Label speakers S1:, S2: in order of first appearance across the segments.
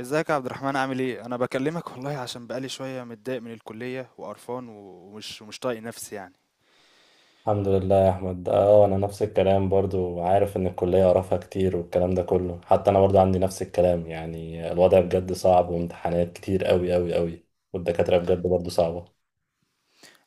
S1: ازيك يا عبد الرحمن، عامل ايه؟ انا بكلمك والله عشان بقالي شويه متضايق من الكليه وقرفان ومش طايق نفسي يعني.
S2: الحمد لله يا احمد. اه انا نفس الكلام برضو، عارف ان الكليه قرفها كتير والكلام ده كله، حتى انا برضو عندي نفس الكلام، يعني الوضع بجد صعب وامتحانات كتير قوي قوي قوي. والدكاتره بجد برضو صعبه.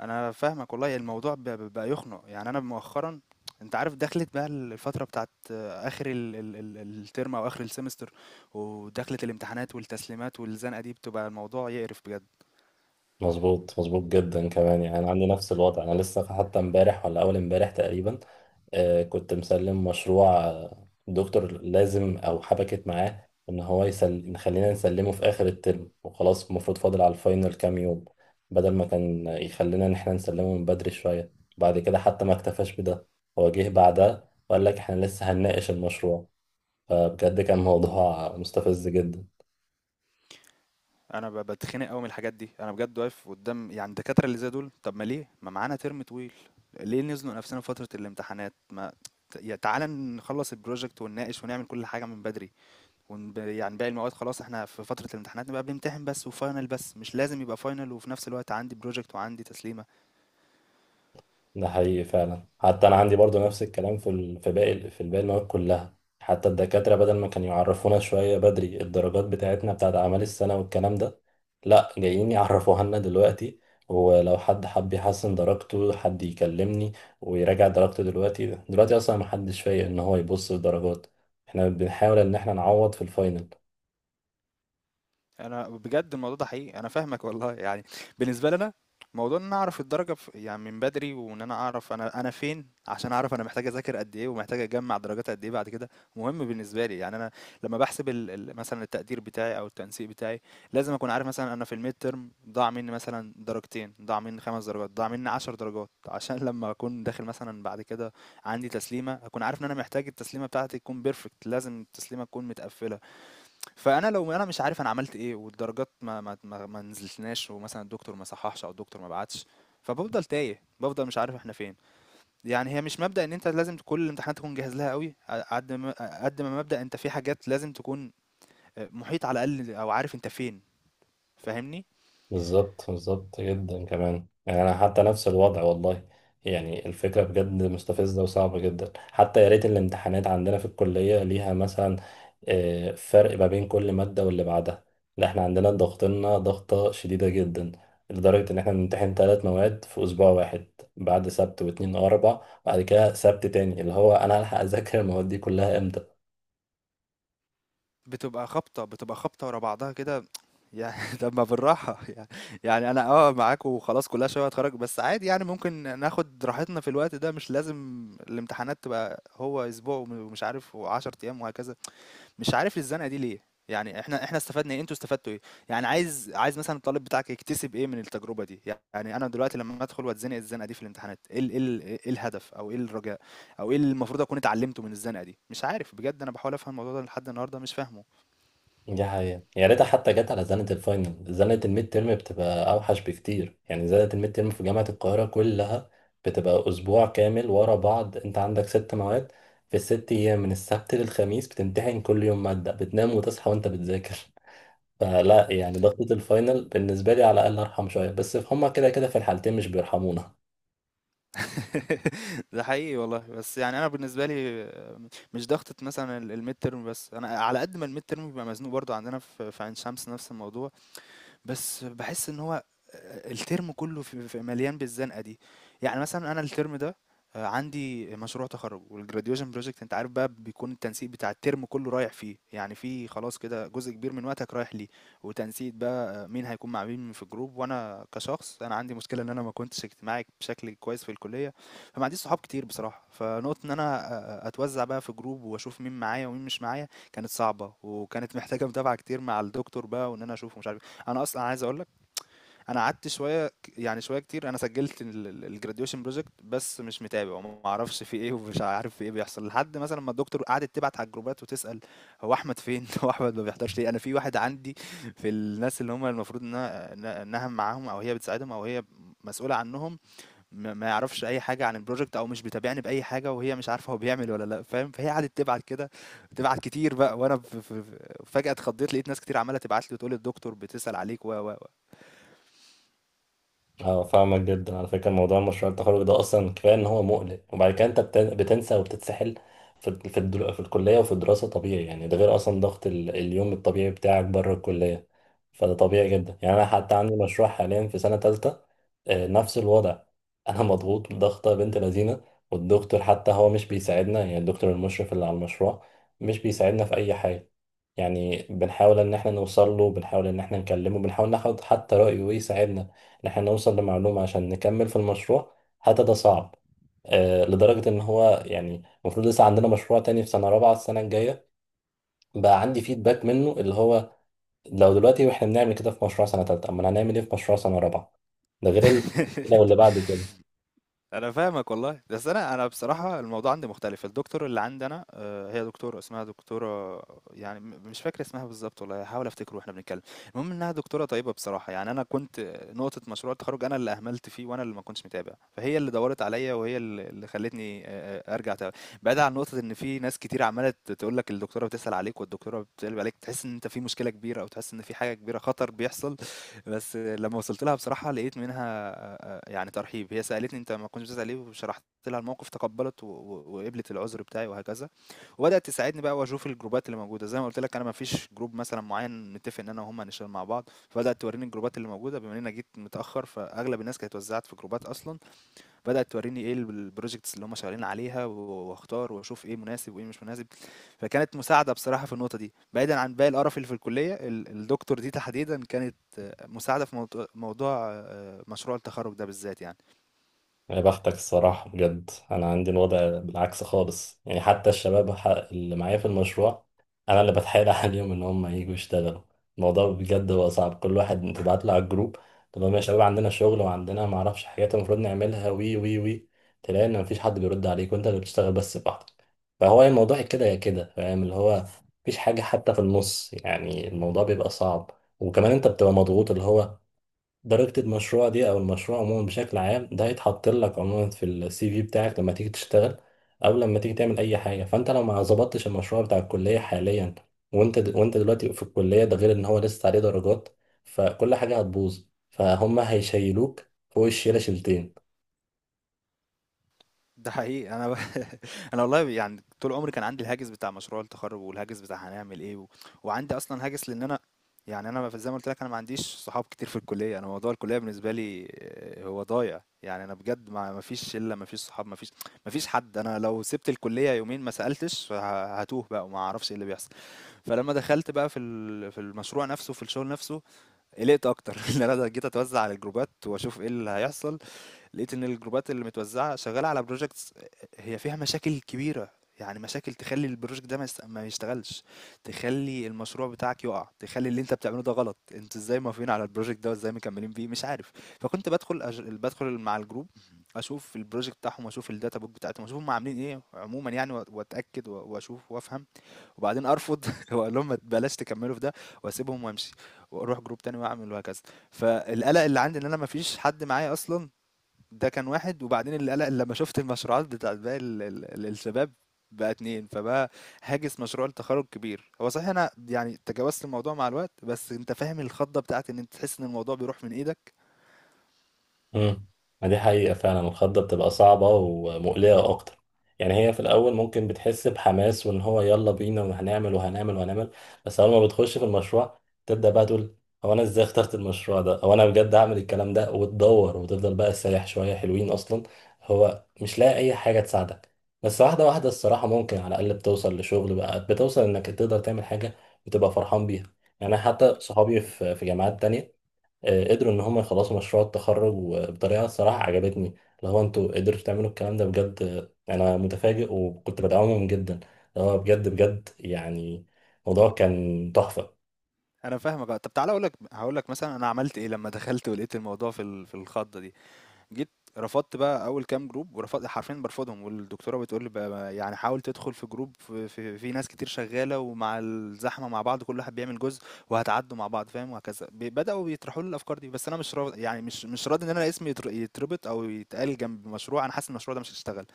S1: انا فاهمك والله، الموضوع بقى يخنق يعني. انا مؤخرا انت عارف دخلت بقى الفتره بتاعت اخر ال ال ال الترم او اخر السمستر. ودخلت الامتحانات والتسليمات والزنقه دي، بتبقى الموضوع يقرف بجد.
S2: مظبوط، مظبوط جدا كمان، يعني انا عندي نفس الوضع. انا لسه حتى امبارح ولا اول امبارح تقريبا، كنت مسلم مشروع، دكتور لازم او حبكت معاه ان هو نخلينا نسلمه في اخر الترم وخلاص، المفروض فاضل على الفاينل كام يوم، بدل ما كان يخلينا ان احنا نسلمه من بدري شوية. بعد كده حتى ما اكتفاش بده، هو جه بعدها وقال لك احنا لسه هنناقش المشروع. فبجد كان موضوع مستفز جدا.
S1: أنا باتخنق أوي من الحاجات دي، أنا بجد واقف قدّام يعني الدكاترة اللي زي دول. طب ما ليه؟ ما معانا ترم طويل، ليه نزنق نفسنا في فترة الامتحانات؟ ما يا تعالَ نخلّص الproject ونناقش ونعمل كل حاجة من بدري، يعني باقي المواد خلاص إحنا في فترة الامتحانات نبقى بنمتحن بس وfinal بس، مش لازم يبقى final وفي نفس الوقت عندي project وعندي تسليمة.
S2: ده حقيقي فعلا، حتى انا عندي برضو نفس الكلام في باقي، في باقي المواد كلها، حتى الدكاتره بدل ما كانوا يعرفونا شويه بدري الدرجات بتاعتنا بتاعت اعمال السنه والكلام ده، لا جايين يعرفوها لنا دلوقتي. ولو حد حب يحسن درجته، حد يكلمني ويراجع درجته دلوقتي، دلوقتي اصلا ما حدش فايق ان هو يبص للدرجات، احنا بنحاول ان احنا نعوض في الفاينل.
S1: أنا بجد الموضوع ده حقيقي، أنا فاهمك والله يعني. بالنسبة لي أنا موضوع إن أنا أعرف الدرجة يعني من بدري، وإن أنا أعرف أنا فين عشان أعرف أنا محتاج أذاكر قد إيه ومحتاج أجمّع درجات قد إيه بعد كده، مهم بالنسبة لي. يعني أنا لمّا باحسب ال ال مثلًا التقدير بتاعي أو التنسيق بتاعي، لازم أكون عارف مثلًا أنا في الmidterm ضاع منّي مثلًا درجتين، ضاع منّي 5 درجات، ضاع منّي 10 درجات، عشان لمّا أكون داخل مثلًا بعد كده عندي تسليمة، أكون عارف إن أنا محتاج التسليمة بتاعتي تكون perfect، لازم التسليمة تكون متقفّلة. فأنا لو أنا مش عارف أنا عملت إيه، والدرجات ما نزلتناش، ومثلا الدكتور ما صححش أو الدكتور ما بعتش، فبفضل تايه، بفضل مش عارف احنا فين. يعني هي مش مبدأ ان انت لازم كل الامتحانات تكون جاهز لها قوي قد ما، مبدأ انت في حاجات لازم تكون آه، محيط على الاقل او عارف انت فين. فاهمني؟
S2: بالظبط، بالظبط جدا كمان، يعني انا حتى نفس الوضع والله. يعني الفكره بجد مستفزه وصعبه جدا، حتى يا ريت الامتحانات عندنا في الكليه ليها مثلا فرق ما بين كل ماده واللي بعدها. لا احنا عندنا ضغطنا ضغطه شديده جدا، لدرجه ان احنا بنمتحن 3 مواد في اسبوع واحد، بعد سبت واثنين واربع، بعد كده سبت تاني، اللي هو انا هلحق اذاكر المواد دي كلها امتى؟
S1: بتبقى خبطة، بتبقى خبطة ورا بعضها كده يعني. طب ما بالراحة يعني. يعني أنا آه معاك وخلاص، كلها شوية وهاتخرّج، بس عادي يعني ممكن ناخد راحتنا في الوقت ده، مش لازم الامتحانات تبقى هو أسبوع ومش عارف و10 أيام وهكذا. مش عارف الزنقة دي ليه؟ يعني إحنا استفدنا إيه، أنتم استفدتوا إيه؟ يعني عايز مثلًا الطالب بتاعك يكتسب إيه من التجربة دي؟ يعني أنا دلوقتي لمّا أدخل وأتزنق الزنقة دي في الامتحانات، إيه ال إيه ال إيه الهدف أو إيه الرجاء أو إيه اللي المفروض أكون اتعلمته من الزنقة دي؟ مش عارف بجد، أنا باحاول أفهم الموضوع ده لحد النهارده مش فاهمه.
S2: دي حقيقة، يا ريتها حتى جت على زنة الفاينل، زنة الميد تيرم بتبقى أوحش بكتير. يعني زنة الميد تيرم في جامعة القاهرة كلها بتبقى أسبوع كامل ورا بعض، أنت عندك 6 مواد في الست أيام من السبت للخميس، بتمتحن كل يوم مادة، بتنام وتصحى وأنت بتذاكر. فلا، يعني ضغطة الفاينل بالنسبة لي على الأقل أرحم شوية، بس هما كده كده في الحالتين مش بيرحمونا.
S1: ده حقيقي والله، بس يعني انا بالنسبه لي آه، مش ضغطه مثلا الميد ترم بس، انا على قد ما الميد ترم بيبقى مزنوق برضو عندنا في عين شمس نفس الموضوع. بس باحس إن هو الترم كله ف ف مليان بالزنقة دي. يعني مثلًا أنا الترم ده عندي مشروع تخرُّج والgraduation project، أنت عارف بقى بيكون التنسيق بتاع الترم كله رايح فيه، يعني في خلاص كده جزء كبير من وقتك رايح ليه. وتنسيق بقى آه، مين هيكون مع مين في الجروب، وأنا كشخص أنا عندي مشكلة إن أنا ما كنتش اجتماعي بشكل كويس في الكلية، فما عنديش صحاب كتير بصراحة. فنقطة إن أنا أتوزّع بقى في جروب وأشوف مين معايا ومين مش معايا كانت صعبة، وكانت محتاجة متابعة كتير مع الدكتور بقى وإن أنا أشوفه ومش عارف إيه. انا اصلا عايز اقول لك، انا قعدت شويه، يعني شويه كتير. انا سجلت الجراديويشن بروجكت بس مش متابع وما اعرفش في ايه، ومش عارف في ايه بيحصل، لحد مثلا ما الدكتور قعدت تبعت على الجروبات وتسال هو احمد فين. هو احمد ما بيحضرش ليه؟ انا في واحد عندي في الناس اللي هم المفروض انها معاهم او هي بتساعدهم او هي مسؤوله عنهم، ما يعرفش اي حاجه عن البروجكت او مش بيتابعني باي حاجه، وهي مش عارفه هو بيعمل ولا لا، فاهم؟ فهي قعدت تبعت كده، تبعت كتير بقى وانا فجاه اتخضيت، لقيت ناس كتير عماله تبعت لي وتقول الدكتور بتسال عليك و
S2: اه، فاهمك جدا. على فكرة موضوع مشروع التخرج ده أصلا كفاية إن هو مقلق، وبعد كده أنت بتنسى وبتتسحل في الكلية وفي الدراسة. طبيعي، يعني ده غير أصلا ضغط اليوم الطبيعي بتاعك بره الكلية. فده طبيعي جدا، يعني أنا حتى عندي مشروع حاليا في سنة تالتة، نفس الوضع. أنا مضغوط ضغطة بنت لذينة. والدكتور حتى هو مش بيساعدنا، يعني الدكتور المشرف اللي على المشروع مش بيساعدنا في أي حاجة. يعني بنحاول إن إحنا نوصل له، بنحاول إن إحنا نكلمه، بنحاول ناخد حتى رأيه ويساعدنا إن إحنا نوصل لمعلومة عشان نكمل في المشروع، حتى ده صعب. لدرجة إن هو، يعني المفروض لسه عندنا مشروع تاني في سنة رابعة السنة الجاية، بقى عندي فيدباك منه، اللي هو لو دلوقتي وإحنا بنعمل كده في مشروع سنة تالتة، أمال هنعمل إيه في مشروع سنة رابعة؟ ده غير كده واللي بعد كده.
S1: أنا فاهمك والله، بس أنا بصراحة الموضوع عندي مختلف. الدكتور اللي عندي أنا هي دكتورة اسمها دكتورة، يعني مش فاكر اسمها بالضبط والله، هاحاول أفتكره واحنا بنتكلم. المهم إنها دكتورة طيبة بصراحة. يعني أنا كنت نقطة مشروع التخرُّج، أنا اللي أهملت فيه وأنا اللي ما كنتش متابع، فهي اللي دَوَّرت عليَّ، وهي اللي خلّتني أرجع بعيدًا عن نقطة إن في ناس كتير عمّالة تقول لك الدكتورة بتسأل عليك والدكتورة بتقلِّب عليك، تحس إن أنت في مشكلة كبيرة أو تحس إن في حاجة كبيرة خطر بيحصل. بس لمّا وصلت لها بصراحة، لقيت منها يعني ترحيب. هي سألتني أنت ما كنتش بتسأل ليه، وشرحت لها الموقف، تقبّلت و و وقبلت العذر بتاعي وهكذا. وبدأت تساعدني بقى وأشوف الجروبات اللي موجودة. زي ما قُلت لك، أنا ما فيش جروب مثلًا معيّن متّفق إن أنا وهُم هنشتغل مع بعض، فبدأت تورّيني الجروبات اللي موجودة، بما إن أنا جيت متأخّر فأغلب الناس كانت اتوزّعت في جروبات أصلًا. بدأت تورّيني إيه الprojects اللي هُم شغالين عليها واختار واشوف إيه مناسب وإيه مش مناسب. فكانت مساعدة بصراحة في النقطة دي، بعيدا عن باقي القرف اللي في الكلية. الدكتور دي تحديدا كانت آه، مساعدة في موضوع، آه، مشروع التخرج ده بالذات يعني.
S2: يا بختك الصراحة، بجد أنا عندي الوضع بالعكس خالص. يعني حتى الشباب اللي معايا في المشروع، أنا اللي بتحايل عليهم إن هم ييجوا يشتغلوا. الموضوع بجد هو صعب، كل واحد تبعت له على الجروب، تقول لهم يا شباب عندنا شغل وعندنا معرفش حاجات المفروض نعملها وي وي وي، تلاقي إن مفيش حد بيرد عليك وأنت اللي بتشتغل بس لوحدك. فهو الموضوع يا كده يا كده، فاهم؟ اللي هو مفيش حاجة حتى في النص، يعني الموضوع بيبقى صعب. وكمان أنت بتبقى مضغوط، اللي هو درجة المشروع دي أو المشروع عموما بشكل عام ده هيتحط لك عموما في السي في بتاعك لما تيجي تشتغل، أو لما تيجي تعمل أي حاجة، فأنت لو ما ظبطتش المشروع بتاع الكلية حاليا وأنت وأنت دلوقتي في الكلية، ده غير إن هو لسه عليه درجات، فكل حاجة هتبوظ، فهم هيشيلوك فوق الشيلة شيلتين.
S1: ده حقيقي انا. انا والله يعني طول عمري كان عندي الهاجس بتاع مشروع التخرج، والهاجس بتاع هنعمل ايه و… وعندي اصلا هاجس، لان انا يعني انا زي ما قلت لك، انا ما عنديش صحاب كتير في الكليه، انا موضوع الكليه بالنسبه لي آه، هو ضايع. يعني انا بجد ما فيش شله، ما فيش صحاب، ما فيش، ما فيش حد. انا لو سبت الكليه يومين ما سالتش، هتوه بقى وما اعرفش ايه اللي بيحصل. فلما دخلت بقى في في المشروع نفسه في الشغل نفسه، قلقت اكتر. ان انا جيت اتوزع على الجروبات واشوف ايه اللي هيحصل، لقيت ان الجروبات اللي متوزعه شغاله على بروجكتس، هي فيها مشاكل كبيره. يعني مشاكل تخلي البروجكت ده ما يشتغلش، تخلي المشروع بتاعك يقع، تخلي اللي انت بتعمله ده غلط. انتوا ازاي موافقين على البروجكت ده وازاي مكملين بيه؟ مش عارف. فكنت بدخل بدخل مع الجروب، اشوف البروجكت بتاعهم واشوف الداتا بوك بتاعتهم واشوف هم عاملين ايه عموما يعني واتاكد واشوف وافهم، وبعدين ارفض. واقول لهم ما بلاش تكملوا في ده، واسيبهم وامشي، واروح جروب تاني واعمل وهكذا. فالقلق اللي عندي ان انا ما فيش حد معايا اصلا، ده كان واحد. وبعدين القلق اللي لما شفت المشروعات بتاعت باقي الشباب، بقى اتنين. فبقى هاجس مشروع التخرج كبير. هو صحيح انا يعني تجاوزت الموضوع مع الوقت، بس انت فاهم الخضه بتاعت ان انت تحس ان الموضوع بيروح من ايدك.
S2: امم ما دي حقيقة فعلا، الخضة بتبقى صعبة ومقلقة أكتر. يعني هي في الأول ممكن بتحس بحماس، وإن هو يلا بينا وهنعمل وهنعمل وهنعمل. بس أول ما بتخش في المشروع، تبدأ بقى تقول هو أنا إزاي اخترت المشروع ده؟ هو أنا بجد هعمل الكلام ده؟ وتدور وتفضل بقى سايح شوية، حلوين أصلا، هو مش لاقي أي حاجة تساعدك. بس واحدة واحدة الصراحة ممكن على الأقل بتوصل لشغل بقى، بتوصل إنك تقدر تعمل حاجة وتبقى فرحان بيها. يعني أنا حتى صحابي في جامعات تانية قدروا ان هم يخلصوا مشروع التخرج، وبطريقه الصراحه عجبتني، اللي هو انتوا قدرتوا تعملوا الكلام ده بجد. انا متفاجئ وكنت بدعمهم جدا، اللي هو بجد بجد، يعني الموضوع كان تحفه.
S1: انا فاهمك آه. طب تعالى اقول لك، هقول لك مثلا انا عملت ايه لما دخلت ولقيت الموضوع في في الخضه دي. جيت رفضت بقى أول كام جروب، ورفضت حرفيًا بارفضهم، والدكتورة بتقول لي: "ب ب يعني حاول تدخل في جروب ف ف في ناس كتير شغالة ومع الزحمة مع بعض كل واحد بيعمل جزء وهتعدّوا مع بعض." فاهم؟ وهكذا. بدأوا يطرحوا لي الأفكار دي، بس أنا مش راض يعني مش راضي إن أنا اسمي يتربط أو يتقال جنب مشروع أنا حاسس إن المشروع ده مش هيشتغل.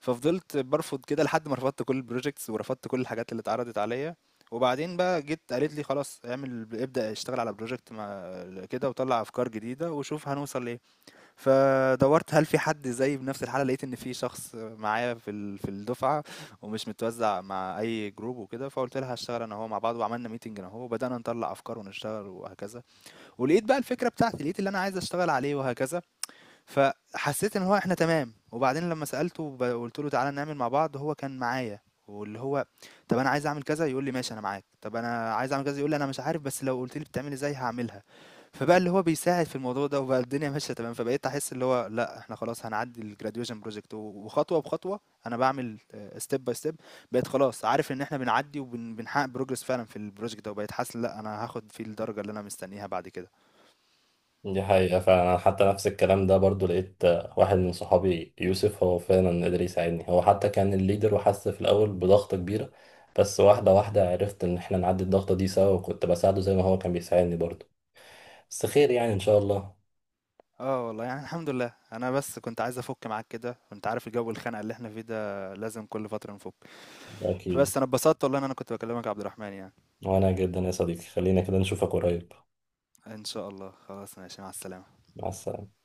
S1: ففضلت بارفض كده لحد ما رفضت كل الprojects ورفضت كل الحاجات اللي اتعرضت عليَّ. وبعدين بقى جيت قالت لي: "خلاص ابدأ اشتغل على project ما كده، وطلّع أفكار جديدة وشوف هنوصل لإيه." فدورت هل في حد زيي بنفس الحالة، لقيت ان في شخص معايا في في الدفعة، ومش متوزع مع اي جروب وكده. فقلت لها هشتغل انا وهو مع بعض، وعملنا ميتنج انا وهو وبدأنا نطلع افكار ونشتغل وهكذا. ولقيت بقى الفكرة بتاعتي، لقيت اللي انا عايز اشتغل عليه وهكذا. فحسيت ان هو احنا تمام. وبعدين لما سألته وقلت له تعالى نعمل مع بعض هو كان معايا، واللي هو طب انا عايز اعمل كذا يقول لي ماشي انا معاك، طب انا عايز اعمل كذا يقول لي انا مش عارف بس لو قلت لي بتعمل ازاي هعملها. فبقى اللي هو بيساعد في الموضوع ده، وبقى الدنيا ماشيه تمام. فبقيت احس اللي هو لا احنا خلاص هنعدي الجراديويشن بروجكت، وخطوه بخطوه انا بعمل، ستيب باي ستيب. بقيت خلاص عارف ان احنا بنعدي وبنحقق بروجرس فعلا في البروجكت ده، وبقيت حاسس لا انا هاخد فيه الدرجه اللي انا مستنيها بعد كده.
S2: دي حقيقة فعلا، أنا حتى نفس الكلام ده برضو. لقيت واحد من صحابي يوسف هو فعلا قدر يساعدني، هو حتى كان الليدر وحس في الأول بضغطة كبيرة. بس واحدة واحدة عرفت إن إحنا نعدي الضغطة دي سوا، وكنت بساعده زي ما هو كان بيساعدني برضو. بس خير يعني إن شاء الله.
S1: آه والله يعني الحمد لله. أنا بس كنت عايز أفُك معاك كده، وأنت عارف الجو الخانقة اللي إحنا فيه ده لازم كل فترة نفُك.
S2: أكيد.
S1: فبس أنا اتبسطت والله إن أنا كنت باكلمك يا عبد الرحمن يعني.
S2: وأنا جدا يا صديقي، خلينا كده نشوفك قريب.
S1: إن شاء الله، خلاص، ماشي، مع السلامة.
S2: مع السلامة.